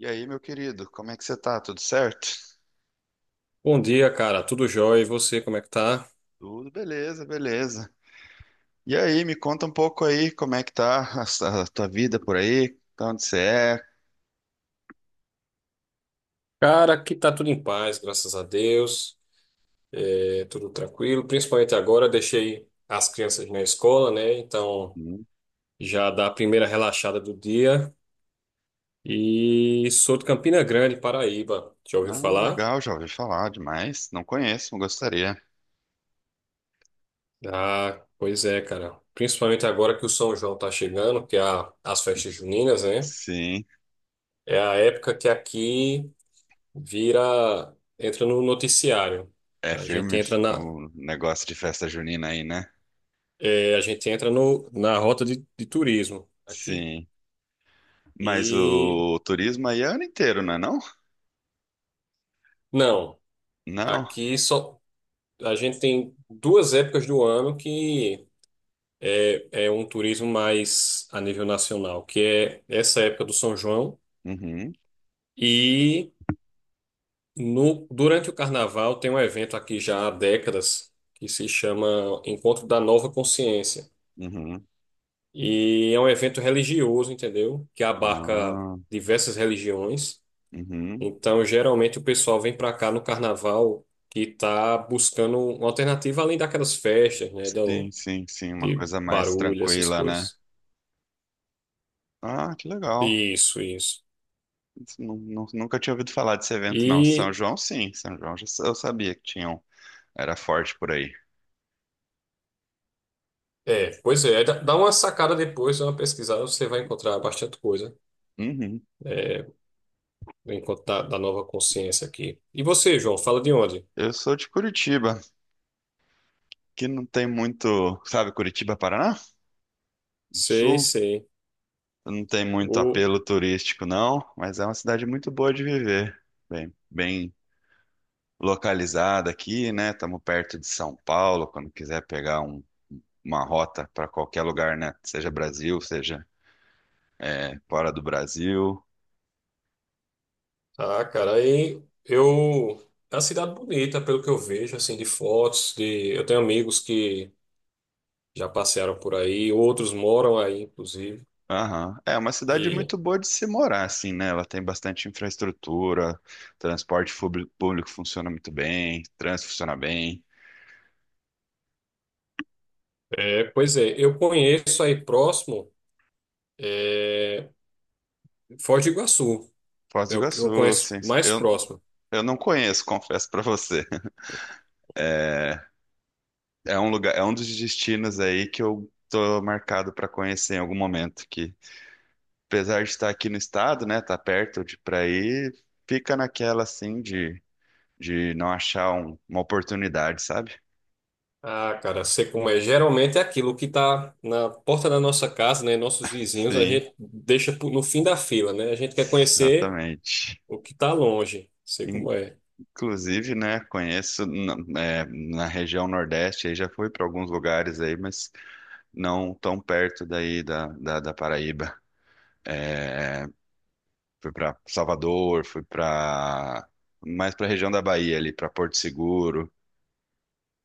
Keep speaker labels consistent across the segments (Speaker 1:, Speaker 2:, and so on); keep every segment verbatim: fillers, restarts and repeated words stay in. Speaker 1: E aí, meu querido, como é que você tá? Tudo certo?
Speaker 2: Bom dia, cara. Tudo jóia? E você, como é que tá?
Speaker 1: Tudo beleza, beleza. E aí, me conta um pouco aí, como é que tá a, s- a tua vida por aí? Tá onde você é?
Speaker 2: Cara, aqui tá tudo em paz, graças a Deus. É tudo tranquilo. Principalmente agora, deixei as crianças na escola, né? Então
Speaker 1: Uhum.
Speaker 2: já dá a primeira relaxada do dia. E sou de Campina Grande, Paraíba. Já ouviu
Speaker 1: Ah,
Speaker 2: falar?
Speaker 1: legal, já ouvi falar demais. Não conheço, gostaria.
Speaker 2: Ah, pois é, cara. Principalmente agora que o São João tá chegando, que é a- as festas juninas, né?
Speaker 1: Sim,
Speaker 2: É a época que aqui vira, entra no noticiário.
Speaker 1: é
Speaker 2: A gente
Speaker 1: firme
Speaker 2: entra na,
Speaker 1: o negócio de festa junina aí, né?
Speaker 2: é, a gente entra no, na rota de, de turismo aqui.
Speaker 1: Sim. Mas
Speaker 2: E
Speaker 1: o turismo aí é ano inteiro, não é não?
Speaker 2: não,
Speaker 1: Não.
Speaker 2: aqui só a gente tem duas épocas do ano que é, é um turismo mais a nível nacional, que é essa época do São João
Speaker 1: Uhum,
Speaker 2: e no, durante o Carnaval tem um evento aqui já há décadas que se chama Encontro da Nova Consciência.
Speaker 1: uhum.
Speaker 2: E é um evento religioso, entendeu? Que abarca
Speaker 1: Ah,
Speaker 2: diversas religiões.
Speaker 1: uhum.
Speaker 2: Então, geralmente o pessoal vem para cá no carnaval que tá buscando uma alternativa além daquelas festas, né,
Speaker 1: Sim,
Speaker 2: do,
Speaker 1: sim, sim, uma
Speaker 2: de
Speaker 1: coisa mais
Speaker 2: barulho, essas
Speaker 1: tranquila, né?
Speaker 2: coisas.
Speaker 1: Ah, que legal.
Speaker 2: Isso, isso.
Speaker 1: Não- não- Nunca tinha ouvido falar desse evento, não. São
Speaker 2: E
Speaker 1: João, sim. São João, já- eu sabia que tinham era forte por aí.
Speaker 2: é, pois é, dá dá uma sacada depois, dá uma pesquisada, você vai encontrar bastante coisa,
Speaker 1: Uhum.
Speaker 2: é, enquanto da, da nova consciência aqui. E você, João, fala de onde?
Speaker 1: Eu sou de Curitiba, que não tem muito, sabe, Curitiba, Paraná? No
Speaker 2: Sei,
Speaker 1: Sul.
Speaker 2: sei.
Speaker 1: Não tem muito
Speaker 2: O,
Speaker 1: apelo turístico, não, mas é uma cidade muito boa de viver. Bem, bem localizada aqui, né? Estamos perto de São Paulo, quando quiser pegar um- uma rota para qualquer lugar, né? Seja Brasil, seja é, fora do Brasil.
Speaker 2: ah, cara, aí eu é uma cidade bonita, pelo que eu vejo, assim, de fotos, de eu tenho amigos que já passearam por aí, outros moram aí, inclusive.
Speaker 1: Aham. É uma cidade
Speaker 2: E,
Speaker 1: muito boa de se morar, assim, né? Ela tem bastante infraestrutura, transporte fubli- público funciona muito bem, trânsito funciona bem.
Speaker 2: é, pois é, eu conheço aí próximo, é, Foz do Iguaçu,
Speaker 1: Foz do
Speaker 2: é o que eu
Speaker 1: Iguaçu,
Speaker 2: conheço
Speaker 1: sim.
Speaker 2: mais
Speaker 1: Eu,
Speaker 2: próximo.
Speaker 1: eu não conheço, confesso pra você. É, é um lugar, é um dos destinos aí que eu tô marcado pra conhecer em algum momento, que apesar de estar aqui no estado, né, tá perto de pra ir, fica naquela assim de, de, não achar um- uma oportunidade, sabe?
Speaker 2: Ah, cara, sei como é. Geralmente é aquilo que tá na porta da nossa casa, né? Nossos vizinhos, a
Speaker 1: Sim,
Speaker 2: gente deixa pro- no fim da fila, né? A gente quer conhecer
Speaker 1: exatamente.
Speaker 2: o que tá longe. Sei como é.
Speaker 1: Inclusive, né, conheço na, é, na região Nordeste, aí já fui para alguns lugares aí, mas não tão perto daí da, da, da Paraíba. É, fui para Salvador, fui para mais para a região da Bahia ali, para Porto Seguro.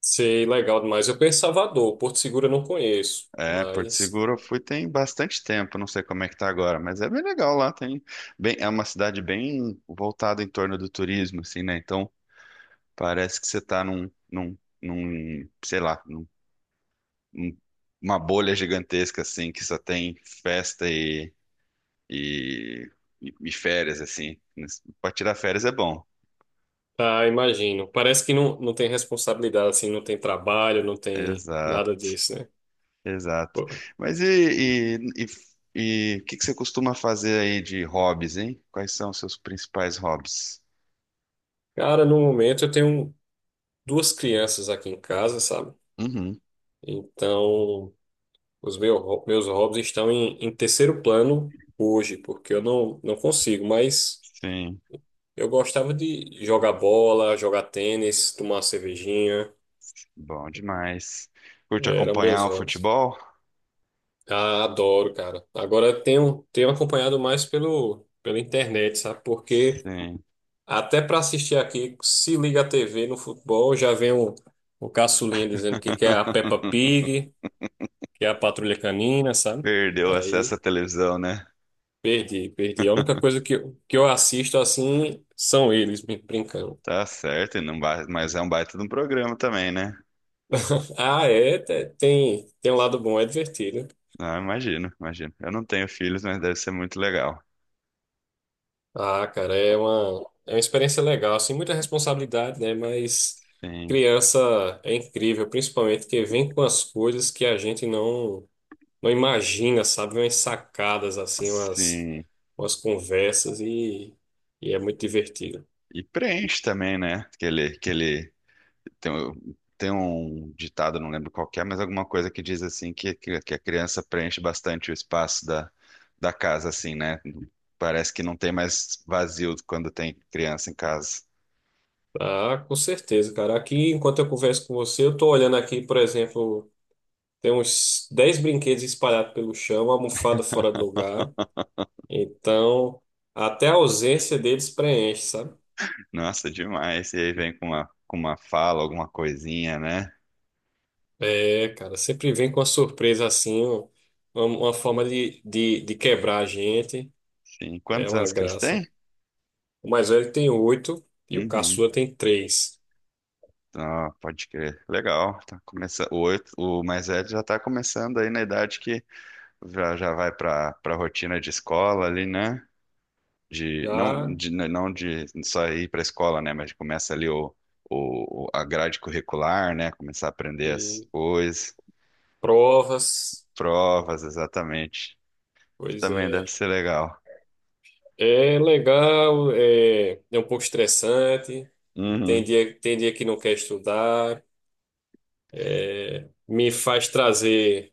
Speaker 2: Sei, legal demais. Eu conheço Salvador, Porto Seguro eu não conheço,
Speaker 1: É, Porto
Speaker 2: mas.
Speaker 1: Seguro eu fui tem bastante tempo, não sei como é que tá agora, mas é bem legal lá, tem bem, é uma cidade bem voltada em torno do turismo, assim, né? Então parece que você tá num, num, num, sei lá, um- uma bolha gigantesca, assim, que só tem festa e, e, e- e férias, assim. Para tirar férias é bom.
Speaker 2: Ah, imagino. Parece que não, não tem responsabilidade, assim, não tem trabalho, não tem
Speaker 1: Exato,
Speaker 2: nada disso, né?
Speaker 1: exato.
Speaker 2: Pô.
Speaker 1: Mas e, e, e, e o que que você costuma fazer aí de hobbies, hein? Quais são os seus principais hobbies?
Speaker 2: Cara, no momento eu tenho duas crianças aqui em casa, sabe?
Speaker 1: Uhum,
Speaker 2: Então, os meu, meus hobbies estão em, em terceiro plano hoje, porque eu não, não consigo, mas
Speaker 1: sim,
Speaker 2: eu gostava de jogar bola, jogar tênis, tomar uma cervejinha,
Speaker 1: bom demais. Curte
Speaker 2: eram meus
Speaker 1: acompanhar o
Speaker 2: hobbies.
Speaker 1: futebol?
Speaker 2: Ah, adoro, cara. Agora eu tenho, tenho acompanhado mais pelo, pela internet, sabe? Porque.
Speaker 1: Sim.
Speaker 2: Até para assistir aqui, se liga a T V no futebol, já vem o, o caçulinha dizendo que quer a Peppa Pig, que é a Patrulha Canina, sabe?
Speaker 1: Perdeu o acesso
Speaker 2: Aí
Speaker 1: à televisão, né?
Speaker 2: perdi, perdi. A única coisa que, eu- que eu assisto assim são eles me brincando.
Speaker 1: Tá certo, e não ba- mas é um baita de um programa também, né?
Speaker 2: Ah, é, te- tem, tem um lado bom, é divertido.
Speaker 1: Não, imagino, imagino. Eu não tenho filhos, mas deve ser muito legal.
Speaker 2: Ah, cara, é uma, é uma experiência legal, assim, muita responsabilidade, né? Mas
Speaker 1: Sim,
Speaker 2: criança é incrível, principalmente que vem com as coisas que a gente não. não imagina, sabe? Umas sacadas assim, umas,
Speaker 1: sim.
Speaker 2: umas conversas e, e é muito divertido.
Speaker 1: E preenche também, né? Que ele, que ele tem, um- tem um ditado, não lembro qual que é, mas alguma coisa que diz assim que, que, que a criança preenche bastante o espaço da, da, casa, assim, né? Parece que não tem mais vazio quando tem criança em casa.
Speaker 2: Ah, com certeza, cara. Aqui, enquanto eu converso com você, eu tô olhando aqui, por exemplo, tem uns dez brinquedos espalhados pelo chão, almofada fora do lugar. Então, até a ausência deles preenche, sabe?
Speaker 1: Nossa, demais. E aí vem com uma, com uma fala, alguma coisinha, né?
Speaker 2: É, cara, sempre vem com uma surpresa assim, um- uma, uma forma de, de, de quebrar a gente.
Speaker 1: Sim.
Speaker 2: É
Speaker 1: Quantos
Speaker 2: uma
Speaker 1: anos que eles
Speaker 2: graça.
Speaker 1: têm?
Speaker 2: O mais velho tem oito e o
Speaker 1: Uhum.
Speaker 2: caçula tem três.
Speaker 1: Ah, pode crer. Legal. Tá começando. O, oito- o mais velho já tá começando aí na idade que já, já vai pra, pra rotina de escola ali, né? De, não,
Speaker 2: Já,
Speaker 1: de, né, não de só ir pra escola, né? Mas começa ali o, o, a grade curricular, né? Começar a aprender as
Speaker 2: e
Speaker 1: coisas,
Speaker 2: provas,
Speaker 1: provas, exatamente.
Speaker 2: pois
Speaker 1: Também deve
Speaker 2: é.
Speaker 1: ser legal.
Speaker 2: É legal, é, é um pouco estressante, tem
Speaker 1: Uhum.
Speaker 2: dia, tem dia que não quer estudar, é, me faz trazer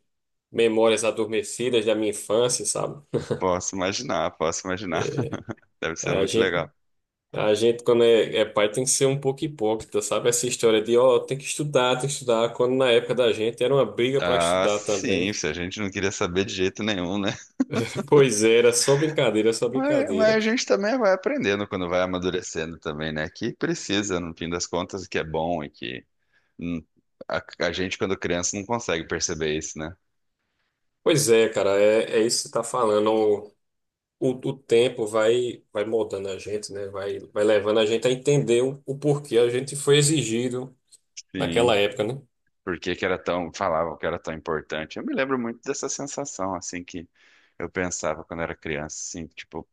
Speaker 2: memórias adormecidas da minha infância, sabe?
Speaker 1: Posso imaginar, posso imaginar. Deve ser
Speaker 2: A
Speaker 1: muito
Speaker 2: gente,
Speaker 1: legal.
Speaker 2: a gente quando é, é pai, tem que ser um pouco hipócrita, sabe? Essa história de, ó, tem que estudar, tem que estudar, quando na época da gente era uma briga para
Speaker 1: Ah,
Speaker 2: estudar
Speaker 1: sim,
Speaker 2: também.
Speaker 1: se a gente não queria saber de jeito nenhum, né?
Speaker 2: Pois é, era só brincadeira, só
Speaker 1: Mas, mas a
Speaker 2: brincadeira.
Speaker 1: gente também vai aprendendo quando vai amadurecendo também, né? Que precisa, no fim das contas, que é bom e que hum, a, a gente, quando criança, não consegue perceber isso, né?
Speaker 2: Pois é, cara, é, é isso que você tá falando. o, o tempo vai, vai moldando a gente, né? Vai, vai levando a gente a entender o, o porquê a gente foi exigido naquela
Speaker 1: Sim.
Speaker 2: época, né?
Speaker 1: Por que que era tão, falavam que era tão importante. Eu me lembro muito dessa sensação, assim, que eu pensava quando era criança, assim, tipo,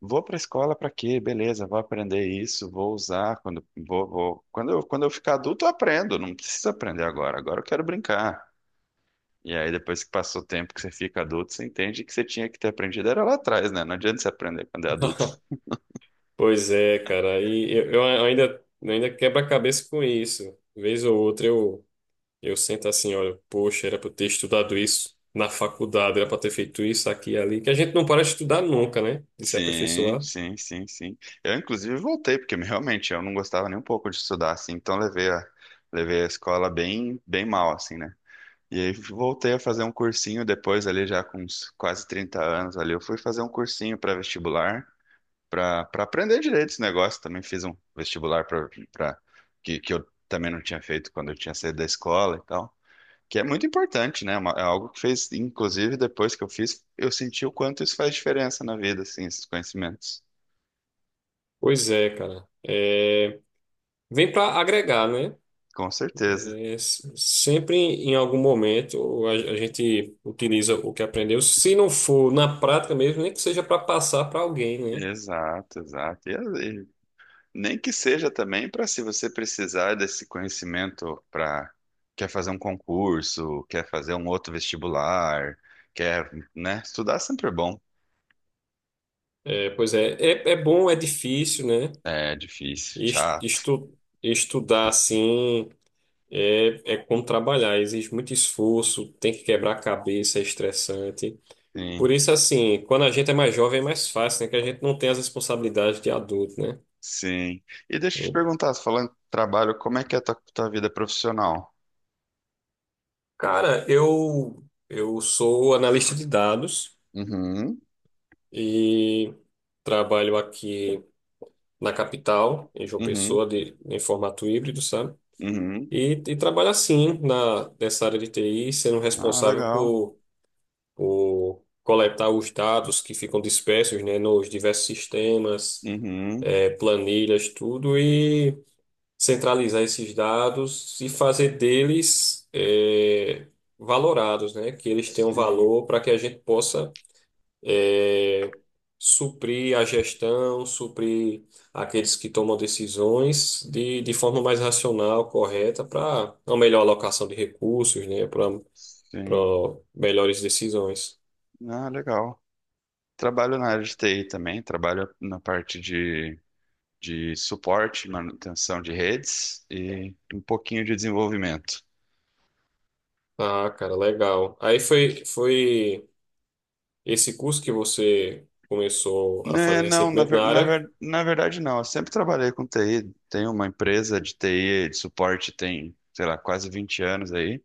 Speaker 1: vou pra escola pra quê? Beleza, vou aprender isso, vou usar quando vou, vou. Quando eu, quando eu ficar adulto, eu aprendo, não preciso aprender agora, agora eu quero brincar. E aí, depois que passou o tempo que você fica adulto, você entende que você tinha que ter aprendido era lá atrás, né? Não adianta você aprender quando é adulto.
Speaker 2: Pois é, cara. E eu, eu ainda, ainda quebro a cabeça com isso. Vez ou outra eu, eu sento assim, olha, poxa, era para eu ter estudado isso na faculdade, era para ter feito isso aqui e ali. Que a gente não para de estudar nunca, né? De se
Speaker 1: Sim,
Speaker 2: aperfeiçoar.
Speaker 1: sim, sim, sim. Eu, inclusive, voltei, porque realmente eu não gostava nem um pouco de estudar, assim. Então, levei a, levei a escola bem, bem mal, assim, né? E aí, voltei a fazer um cursinho depois, ali, já com uns quase trinta anos, ali. Eu fui fazer um cursinho para vestibular, para para aprender direito esse negócio. Também fiz um vestibular para que, que eu também não tinha feito quando eu tinha saído da escola e tal. Que é muito importante, né? Uma- É algo que fez, inclusive, depois que eu fiz, eu senti o quanto isso faz diferença na vida, assim, esses conhecimentos.
Speaker 2: Pois é, cara. É, vem para agregar, né?
Speaker 1: Com certeza.
Speaker 2: É, s- sempre em algum momento a, a gente utiliza o que aprendeu, se não for na prática mesmo, nem que seja para passar para alguém, né?
Speaker 1: Exato, exato. E, e nem que seja também para se você precisar desse conhecimento para quer fazer um concurso, quer fazer um outro vestibular, quer, né? Estudar sempre é bom.
Speaker 2: É, pois é, é, é bom, é difícil, né?
Speaker 1: É difícil,
Speaker 2: Es-
Speaker 1: chato.
Speaker 2: Estu, estudar assim é, é como trabalhar, exige muito esforço, tem que quebrar a cabeça, é estressante.
Speaker 1: Sim,
Speaker 2: Por isso, assim, quando a gente é mais jovem é mais fácil, né? Que a gente não tem as responsabilidades de adulto, né?
Speaker 1: sim. E deixa eu te
Speaker 2: E,
Speaker 1: perguntar, falando de trabalho, como é que é a tua, tua vida profissional?
Speaker 2: cara, eu, eu sou analista de dados.
Speaker 1: Uhum,
Speaker 2: E trabalho aqui na capital, em João
Speaker 1: uhum.
Speaker 2: Pessoa, de, em formato híbrido, sabe?
Speaker 1: Uhum.
Speaker 2: E, e trabalho assim, na, nessa área de T I, sendo
Speaker 1: Ah,
Speaker 2: responsável
Speaker 1: legal.
Speaker 2: por, por coletar os dados que ficam dispersos, né, nos diversos sistemas,
Speaker 1: Uhum.
Speaker 2: eh, planilhas, tudo, e centralizar esses dados e fazer deles, eh, valorados, né, que eles tenham
Speaker 1: Sim,
Speaker 2: valor para que a gente possa é, suprir a gestão, suprir aqueles que tomam decisões de, de forma mais racional, correta, para uma melhor alocação de recursos, né, para para
Speaker 1: sim.
Speaker 2: melhores decisões.
Speaker 1: Ah, legal. Trabalho na área de T I também, trabalho na parte de, de, suporte, manutenção de redes e um pouquinho de desenvolvimento.
Speaker 2: Ah, cara, legal. Aí foi, foi esse curso que você começou a
Speaker 1: Né,
Speaker 2: fazer
Speaker 1: não, na,
Speaker 2: recentemente
Speaker 1: ver-
Speaker 2: na
Speaker 1: na,
Speaker 2: área.
Speaker 1: ver- na verdade não. Eu sempre trabalhei com T I. Tenho uma empresa de T I, de suporte, tem, sei lá, quase vinte anos aí.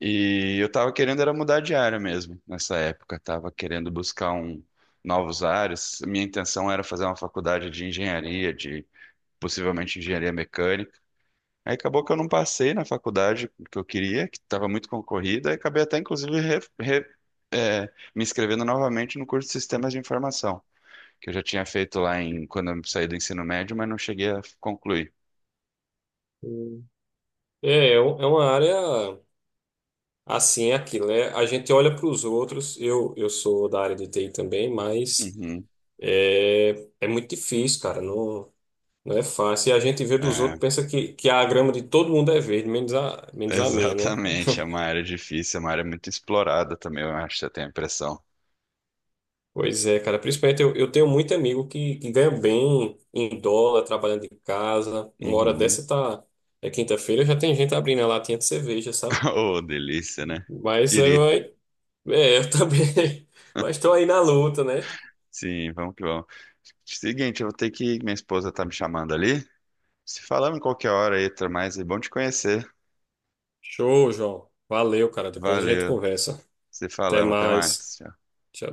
Speaker 1: E eu tava querendo era mudar de área mesmo nessa época. Tava querendo buscar um novos áreas. Minha intenção era fazer uma faculdade de engenharia, de possivelmente engenharia mecânica. Aí acabou que eu não passei na faculdade que eu queria, que estava muito concorrida, e acabei até inclusive re- re- eh, me inscrevendo novamente no curso de Sistemas de Informação, que eu já tinha feito lá em quando eu saí do ensino médio, mas não cheguei a concluir.
Speaker 2: Hum. É, é um- é uma área assim, é aquilo, né? A gente olha para os outros. Eu, eu sou da área de T I também, mas
Speaker 1: Uhum.
Speaker 2: É, é muito difícil, cara. Não, não é fácil. E a gente vê dos
Speaker 1: É.
Speaker 2: outros, pensa que, que a grama de todo mundo é verde, menos a, menos a minha, né?
Speaker 1: Exatamente, é uma área difícil, é uma área muito explorada também, eu acho, eu tenho a impressão.
Speaker 2: Pois é, cara. Principalmente eu, eu tenho muito amigo que, que ganha bem em dólar, trabalhando de casa. Uma hora
Speaker 1: Uhum.
Speaker 2: dessa tá. É quinta-feira, já tem gente abrindo a latinha de cerveja, sabe?
Speaker 1: Oh, delícia, né?
Speaker 2: Mas é,
Speaker 1: Queria.
Speaker 2: mas- É, eu também. Mas tô aí na luta, né?
Speaker 1: Sim, vamos que vamos. Seguinte, eu vou ter que ir, minha esposa tá me chamando ali. Se falamos em qualquer hora aí, até mais, e bom te conhecer.
Speaker 2: Show, João. Valeu, cara. Depois a gente
Speaker 1: Valeu.
Speaker 2: conversa.
Speaker 1: Se
Speaker 2: Até
Speaker 1: falamos, até
Speaker 2: mais.
Speaker 1: mais. Tchau.
Speaker 2: Tchau.